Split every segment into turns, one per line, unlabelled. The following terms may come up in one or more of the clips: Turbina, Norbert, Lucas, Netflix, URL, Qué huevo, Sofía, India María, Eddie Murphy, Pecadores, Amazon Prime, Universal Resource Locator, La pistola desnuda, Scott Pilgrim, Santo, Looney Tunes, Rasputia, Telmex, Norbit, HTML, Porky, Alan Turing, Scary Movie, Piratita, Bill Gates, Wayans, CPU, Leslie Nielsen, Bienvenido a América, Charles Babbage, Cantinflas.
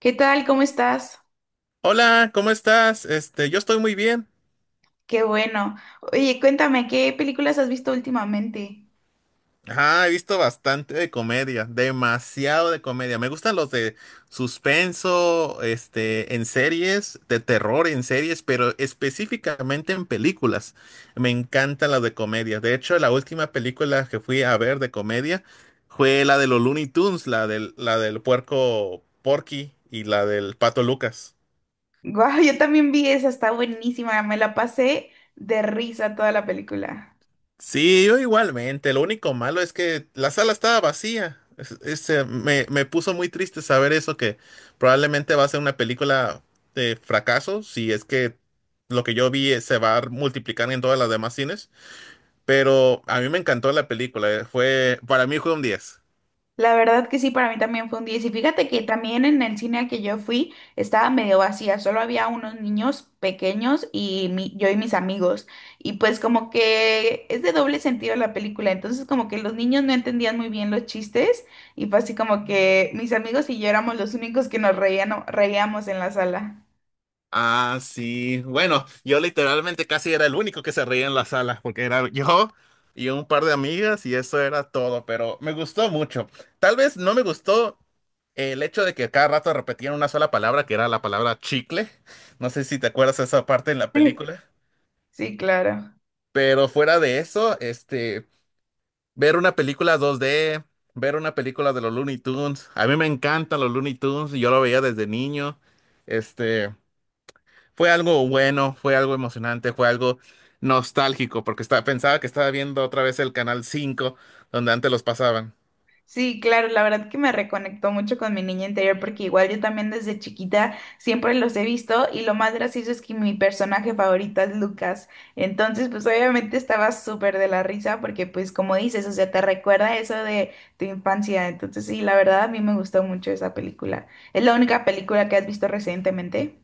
¿Qué tal? ¿Cómo estás?
Hola, ¿cómo estás? Yo estoy muy bien.
Qué bueno. Oye, cuéntame, ¿qué películas has visto últimamente?
Ajá, he visto bastante de comedia, demasiado de comedia. Me gustan los de suspenso, en series, de terror en series, pero específicamente en películas. Me encantan las de comedia. De hecho, la última película que fui a ver de comedia fue la de los Looney Tunes, la del puerco Porky y la del pato Lucas.
Guau, yo también vi esa, está buenísima, me la pasé de risa toda la película.
Sí, yo igualmente. Lo único malo es que la sala estaba vacía. Me puso muy triste saber eso, que probablemente va a ser una película de fracaso, si es que lo que yo vi se va a multiplicar en todas las demás cines. Pero a mí me encantó la película. Para mí fue un 10.
La verdad que sí, para mí también fue un 10. Y si fíjate que también en el cine al que yo fui estaba medio vacía, solo había unos niños pequeños y yo y mis amigos. Y pues como que es de doble sentido la película, entonces como que los niños no entendían muy bien los chistes y fue así como que mis amigos y yo éramos los únicos que reíamos en la sala.
Ah, sí. Bueno, yo literalmente casi era el único que se reía en la sala, porque era yo y un par de amigas y eso era todo, pero me gustó mucho. Tal vez no me gustó el hecho de que cada rato repetían una sola palabra, que era la palabra chicle. No sé si te acuerdas de esa parte en la película,
Sí, claro.
pero fuera de eso, ver una película dos d ver una película de los Looney Tunes, a mí me encantan los Looney Tunes, yo lo veía desde niño. Este, Fue algo bueno, fue algo emocionante, fue algo nostálgico, porque pensaba que estaba viendo otra vez el Canal 5 donde antes los pasaban.
Sí, claro, la verdad que me reconectó mucho con mi niña interior porque igual yo también desde chiquita siempre los he visto y lo más gracioso es que mi personaje favorito es Lucas. Entonces, pues obviamente estaba súper de la risa porque pues como dices, o sea, te recuerda eso de tu infancia. Entonces, sí, la verdad a mí me gustó mucho esa película. ¿Es la única película que has visto recientemente?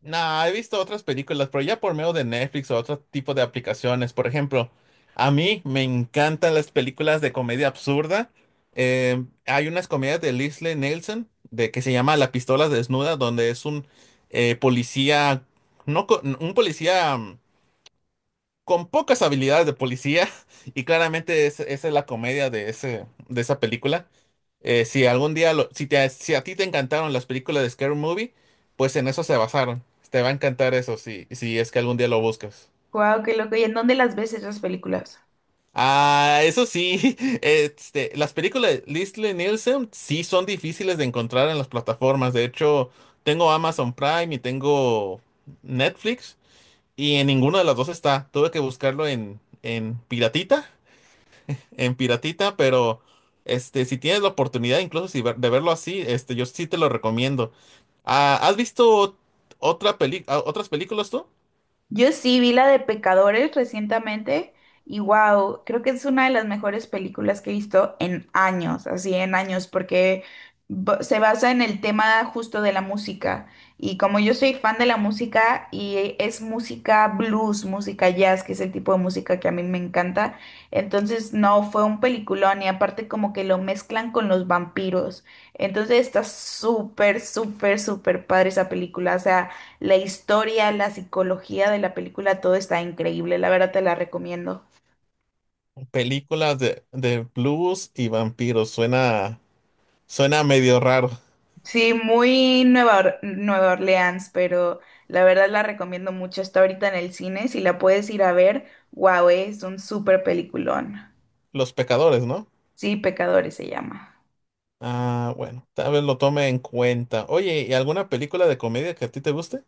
Nah, he visto otras películas, pero ya por medio de Netflix o otro tipo de aplicaciones. Por ejemplo, a mí me encantan las películas de comedia absurda. Hay unas comedias de Leslie Nielsen que se llama La pistola desnuda, donde es un policía, no, un policía con pocas habilidades de policía y claramente esa es la comedia de esa película. Si algún día, lo- si te, si a ti te encantaron las películas de Scary Movie, pues en eso se basaron. Te va a encantar eso si es que algún día lo buscas.
Guau, qué loco. ¿Y en dónde las ves esas películas?
Ah, eso sí, las películas de Leslie Nielsen sí son difíciles de encontrar en las plataformas. De hecho, tengo Amazon Prime y tengo Netflix y en ninguna de las dos está. Tuve que buscarlo en Piratita, pero si tienes la oportunidad, incluso si ver- de verlo así, yo sí te lo recomiendo. Ah, ¿has visto otras películas tú?
Yo sí vi la de Pecadores recientemente y wow, creo que es una de las mejores películas que he visto en años, así en años, porque se basa en el tema justo de la música. Y como yo soy fan de la música y es música blues, música jazz, que es el tipo de música que a mí me encanta, entonces no, fue un peliculón y aparte como que lo mezclan con los vampiros. Entonces está súper, súper, súper padre esa película, o sea... La historia, la psicología de la película, todo está increíble, la verdad te la recomiendo.
Películas de blues y vampiros. Suena medio raro.
Sí, muy Nueva Orleans, pero la verdad la recomiendo mucho. Está ahorita en el cine, si la puedes ir a ver, wow, es un súper peliculón.
Los pecadores, ¿no?
Sí, Pecadores se llama.
Ah, bueno, tal vez lo tome en cuenta. Oye, ¿y alguna película de comedia que a ti te guste?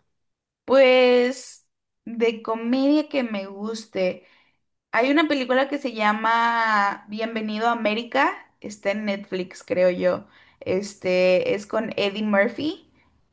Pues de comedia que me guste. Hay una película que se llama Bienvenido a América, está en Netflix, creo yo. Este es con Eddie Murphy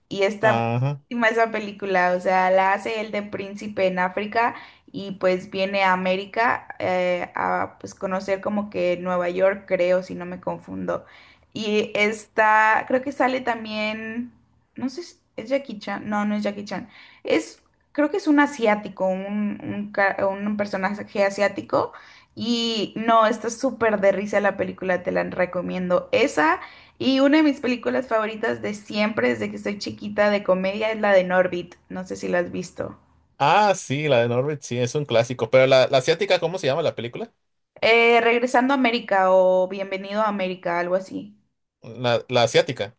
y está
Ajá.
buenísima esa película, o sea, la hace él de príncipe en África y pues viene a América a pues conocer como que Nueva York, creo, si no me confundo. Y está, creo que sale también, no sé, ¿es Jackie Chan? No, no es Jackie Chan. Es creo que es un asiático, un personaje asiático. Y no, está súper de risa la película, te la recomiendo. Esa y una de mis películas favoritas de siempre, desde que soy chiquita de comedia, es la de Norbit. No sé si la has visto.
Ah, sí, la de Norbert, sí, es un clásico. Pero la asiática, ¿cómo se llama la película?
Regresando a América o Bienvenido a América, algo así.
La asiática.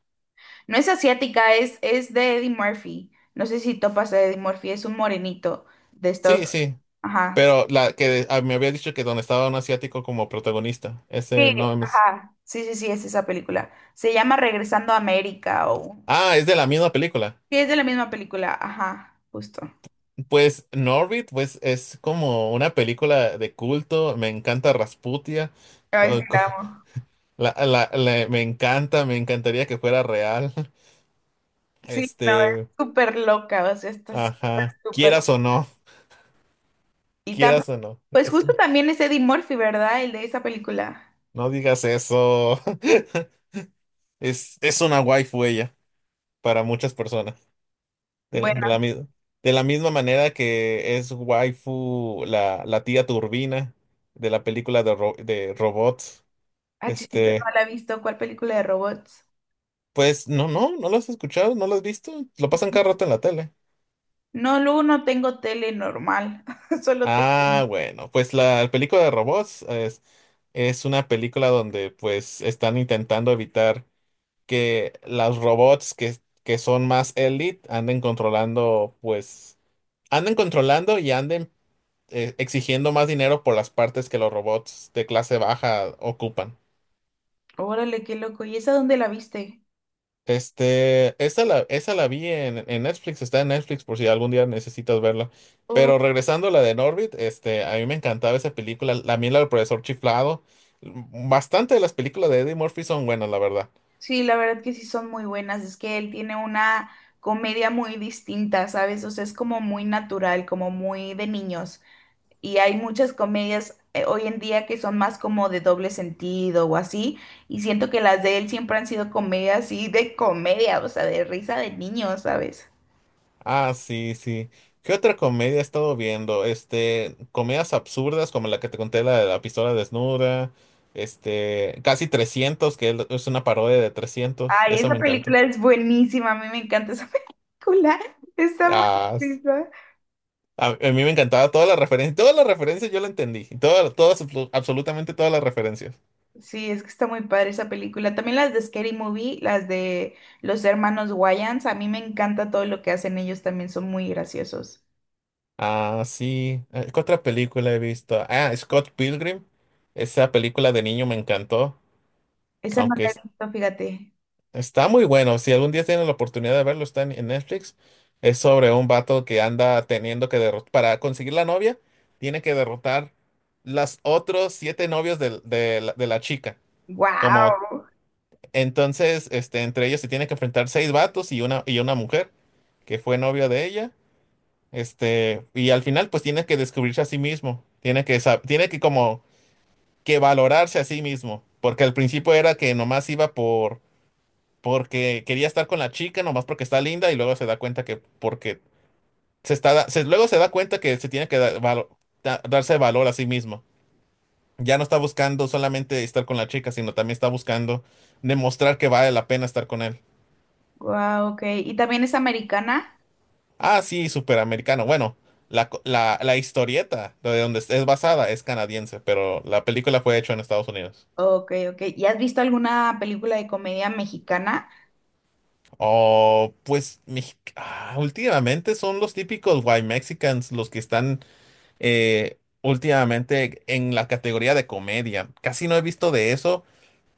No es asiática, es de Eddie Murphy. No sé si topas a Eddie Murphy, es un morenito de Estados
Sí,
Unidos.
sí.
Ajá.
Pero la que me había dicho que donde estaba un asiático como protagonista. Ese
Sí,
no me... s-
ajá. Sí, sí, sí, es esa película. Se llama Regresando a América o...
Ah, es de la misma película.
Sí, es de la misma película, ajá, justo.
Pues Norbit, pues es como una película de culto. Me encanta Rasputia.
Ay, sí,
co- co-
la amo.
me encantaría que fuera real.
Sí, no, es
Este,
súper loca, o sea, estás
ajá,
súper...
quieras o no,
Y también,
quieras o no.
pues
es-
justo también es Eddie Murphy, ¿verdad? El de esa película.
no digas eso. Es una waifu ella para muchas personas. De,
Bueno,
de la, mi- de la misma manera que es waifu la tía Turbina de la película de robots.
ah, chis, no
Este,
la he visto, ¿cuál película de robots?
pues no, no, no lo has escuchado, no lo has visto. Lo pasan cada rato en la tele.
No, luego no tengo tele normal, solo te...
Ah, bueno, pues la película de robots es una película donde pues están intentando evitar que los robots que son más elite anden controlando y anden exigiendo más dinero por las partes que los robots de clase baja ocupan.
Órale, qué loco. ¿Y esa dónde la viste?
Esa la vi en Netflix, está en Netflix por si algún día necesitas verla. Pero regresando a la de Norbit, a mí me encantaba esa película, la del profesor chiflado. Bastante de las películas de Eddie Murphy son buenas, la verdad.
Sí, la verdad que sí son muy buenas. Es que él tiene una comedia muy distinta, ¿sabes? O sea, es como muy natural, como muy de niños. Y hay muchas comedias hoy en día que son más como de doble sentido o así. Y siento que las de él siempre han sido comedias así de comedia, o sea, de risa de niños, ¿sabes?
Ah, sí, sí. ¿Qué otra comedia he estado viendo? Comedias absurdas como la que te conté, la de la pistola desnuda, casi 300 que es una parodia de 300.
Ay,
Eso
esa
me encantó.
película es buenísima. A mí me encanta esa película. Está muy
Ah, s-
chistosa.
a mí me encantaba todas las referencias yo la entendí, todas, todas, absolutamente todas las referencias.
Sí, es que está muy padre esa película. También las de Scary Movie, las de los hermanos Wayans, a mí me encanta todo lo que hacen ellos, también son muy graciosos.
Ah, sí, ¿qué otra película he visto? Ah, Scott Pilgrim, esa película de niño me encantó,
Esa no
aunque
la he visto, fíjate.
Está muy bueno. Si algún día tienen la oportunidad de verlo, está en Netflix. Es sobre un vato que anda teniendo que derrotar. Para conseguir la novia, tiene que derrotar las otros siete novios de la chica. Como
Wow,
entonces, este, entre ellos se tiene que enfrentar seis vatos y una mujer que fue novia de ella. Y al final, pues tiene que descubrirse a sí mismo. Tiene que como que valorarse a sí mismo. Porque al principio era que nomás iba porque quería estar con la chica nomás porque está linda y luego se da cuenta que porque se está luego se da cuenta que se tiene que dar darse valor a sí mismo. Ya no está buscando solamente estar con la chica, sino también está buscando demostrar que vale la pena estar con él.
wow, ok. ¿Y también es americana?
Ah, sí, superamericano. Bueno, la historieta de donde es basada es canadiense, pero la película fue hecha en Estados Unidos.
Ok, ok. ¿Y has visto alguna película de comedia mexicana?
Oh, pues últimamente son los típicos white Mexicans los que están últimamente en la categoría de comedia. Casi no he visto de eso.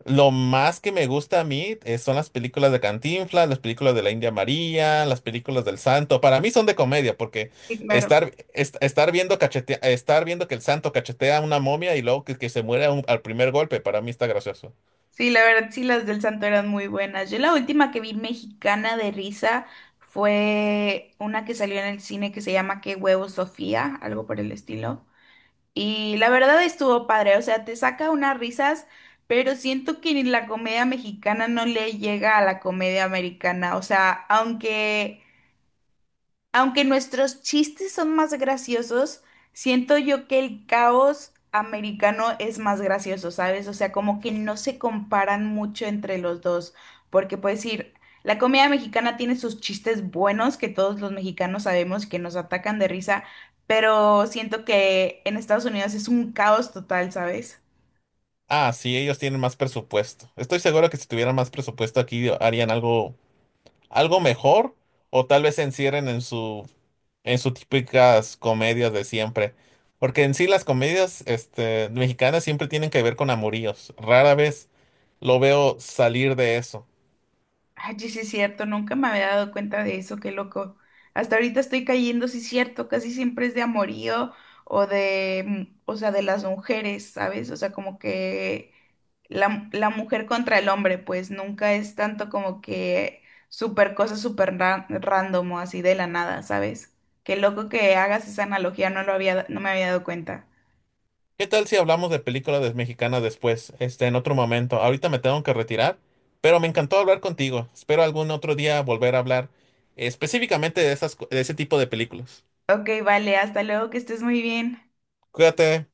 Lo más que me gusta a mí son las películas de Cantinflas, las películas de la India María, las películas del Santo. Para mí son de comedia porque
Sí, claro.
estar viendo que el Santo cachetea a una momia y luego que se muere al primer golpe, para mí está gracioso.
Sí, la verdad, sí, las del Santo eran muy buenas. Yo la última que vi mexicana de risa fue una que salió en el cine que se llama Qué huevo, Sofía, algo por el estilo. Y la verdad estuvo padre, o sea, te saca unas risas, pero siento que ni la comedia mexicana no le llega a la comedia americana, o sea, aunque nuestros chistes son más graciosos, siento yo que el caos americano es más gracioso, ¿sabes? O sea, como que no se comparan mucho entre los dos, porque puedes decir, la comida mexicana tiene sus chistes buenos que todos los mexicanos sabemos que nos atacan de risa, pero siento que en Estados Unidos es un caos total, ¿sabes?
Ah, sí, ellos tienen más presupuesto. Estoy seguro que si tuvieran más presupuesto aquí harían algo, algo mejor o tal vez se encierren en sus típicas comedias de siempre. Porque en sí las comedias mexicanas siempre tienen que ver con amoríos. Rara vez lo veo salir de eso.
Ay, sí sí es cierto, nunca me había dado cuenta de eso, qué loco. Hasta ahorita estoy cayendo, sí es cierto, casi siempre es de amorío o de, mm, o sea, de las mujeres, ¿sabes? O sea, como que la mujer contra el hombre, pues nunca es tanto como que súper cosa súper random o así de la nada, ¿sabes? Qué loco que hagas esa analogía, no me había dado cuenta.
¿Qué tal si hablamos de películas mexicanas después, en otro momento? Ahorita me tengo que retirar, pero me encantó hablar contigo. Espero algún otro día volver a hablar específicamente de ese tipo de películas.
Ok, vale, hasta luego, que estés muy bien.
Cuídate.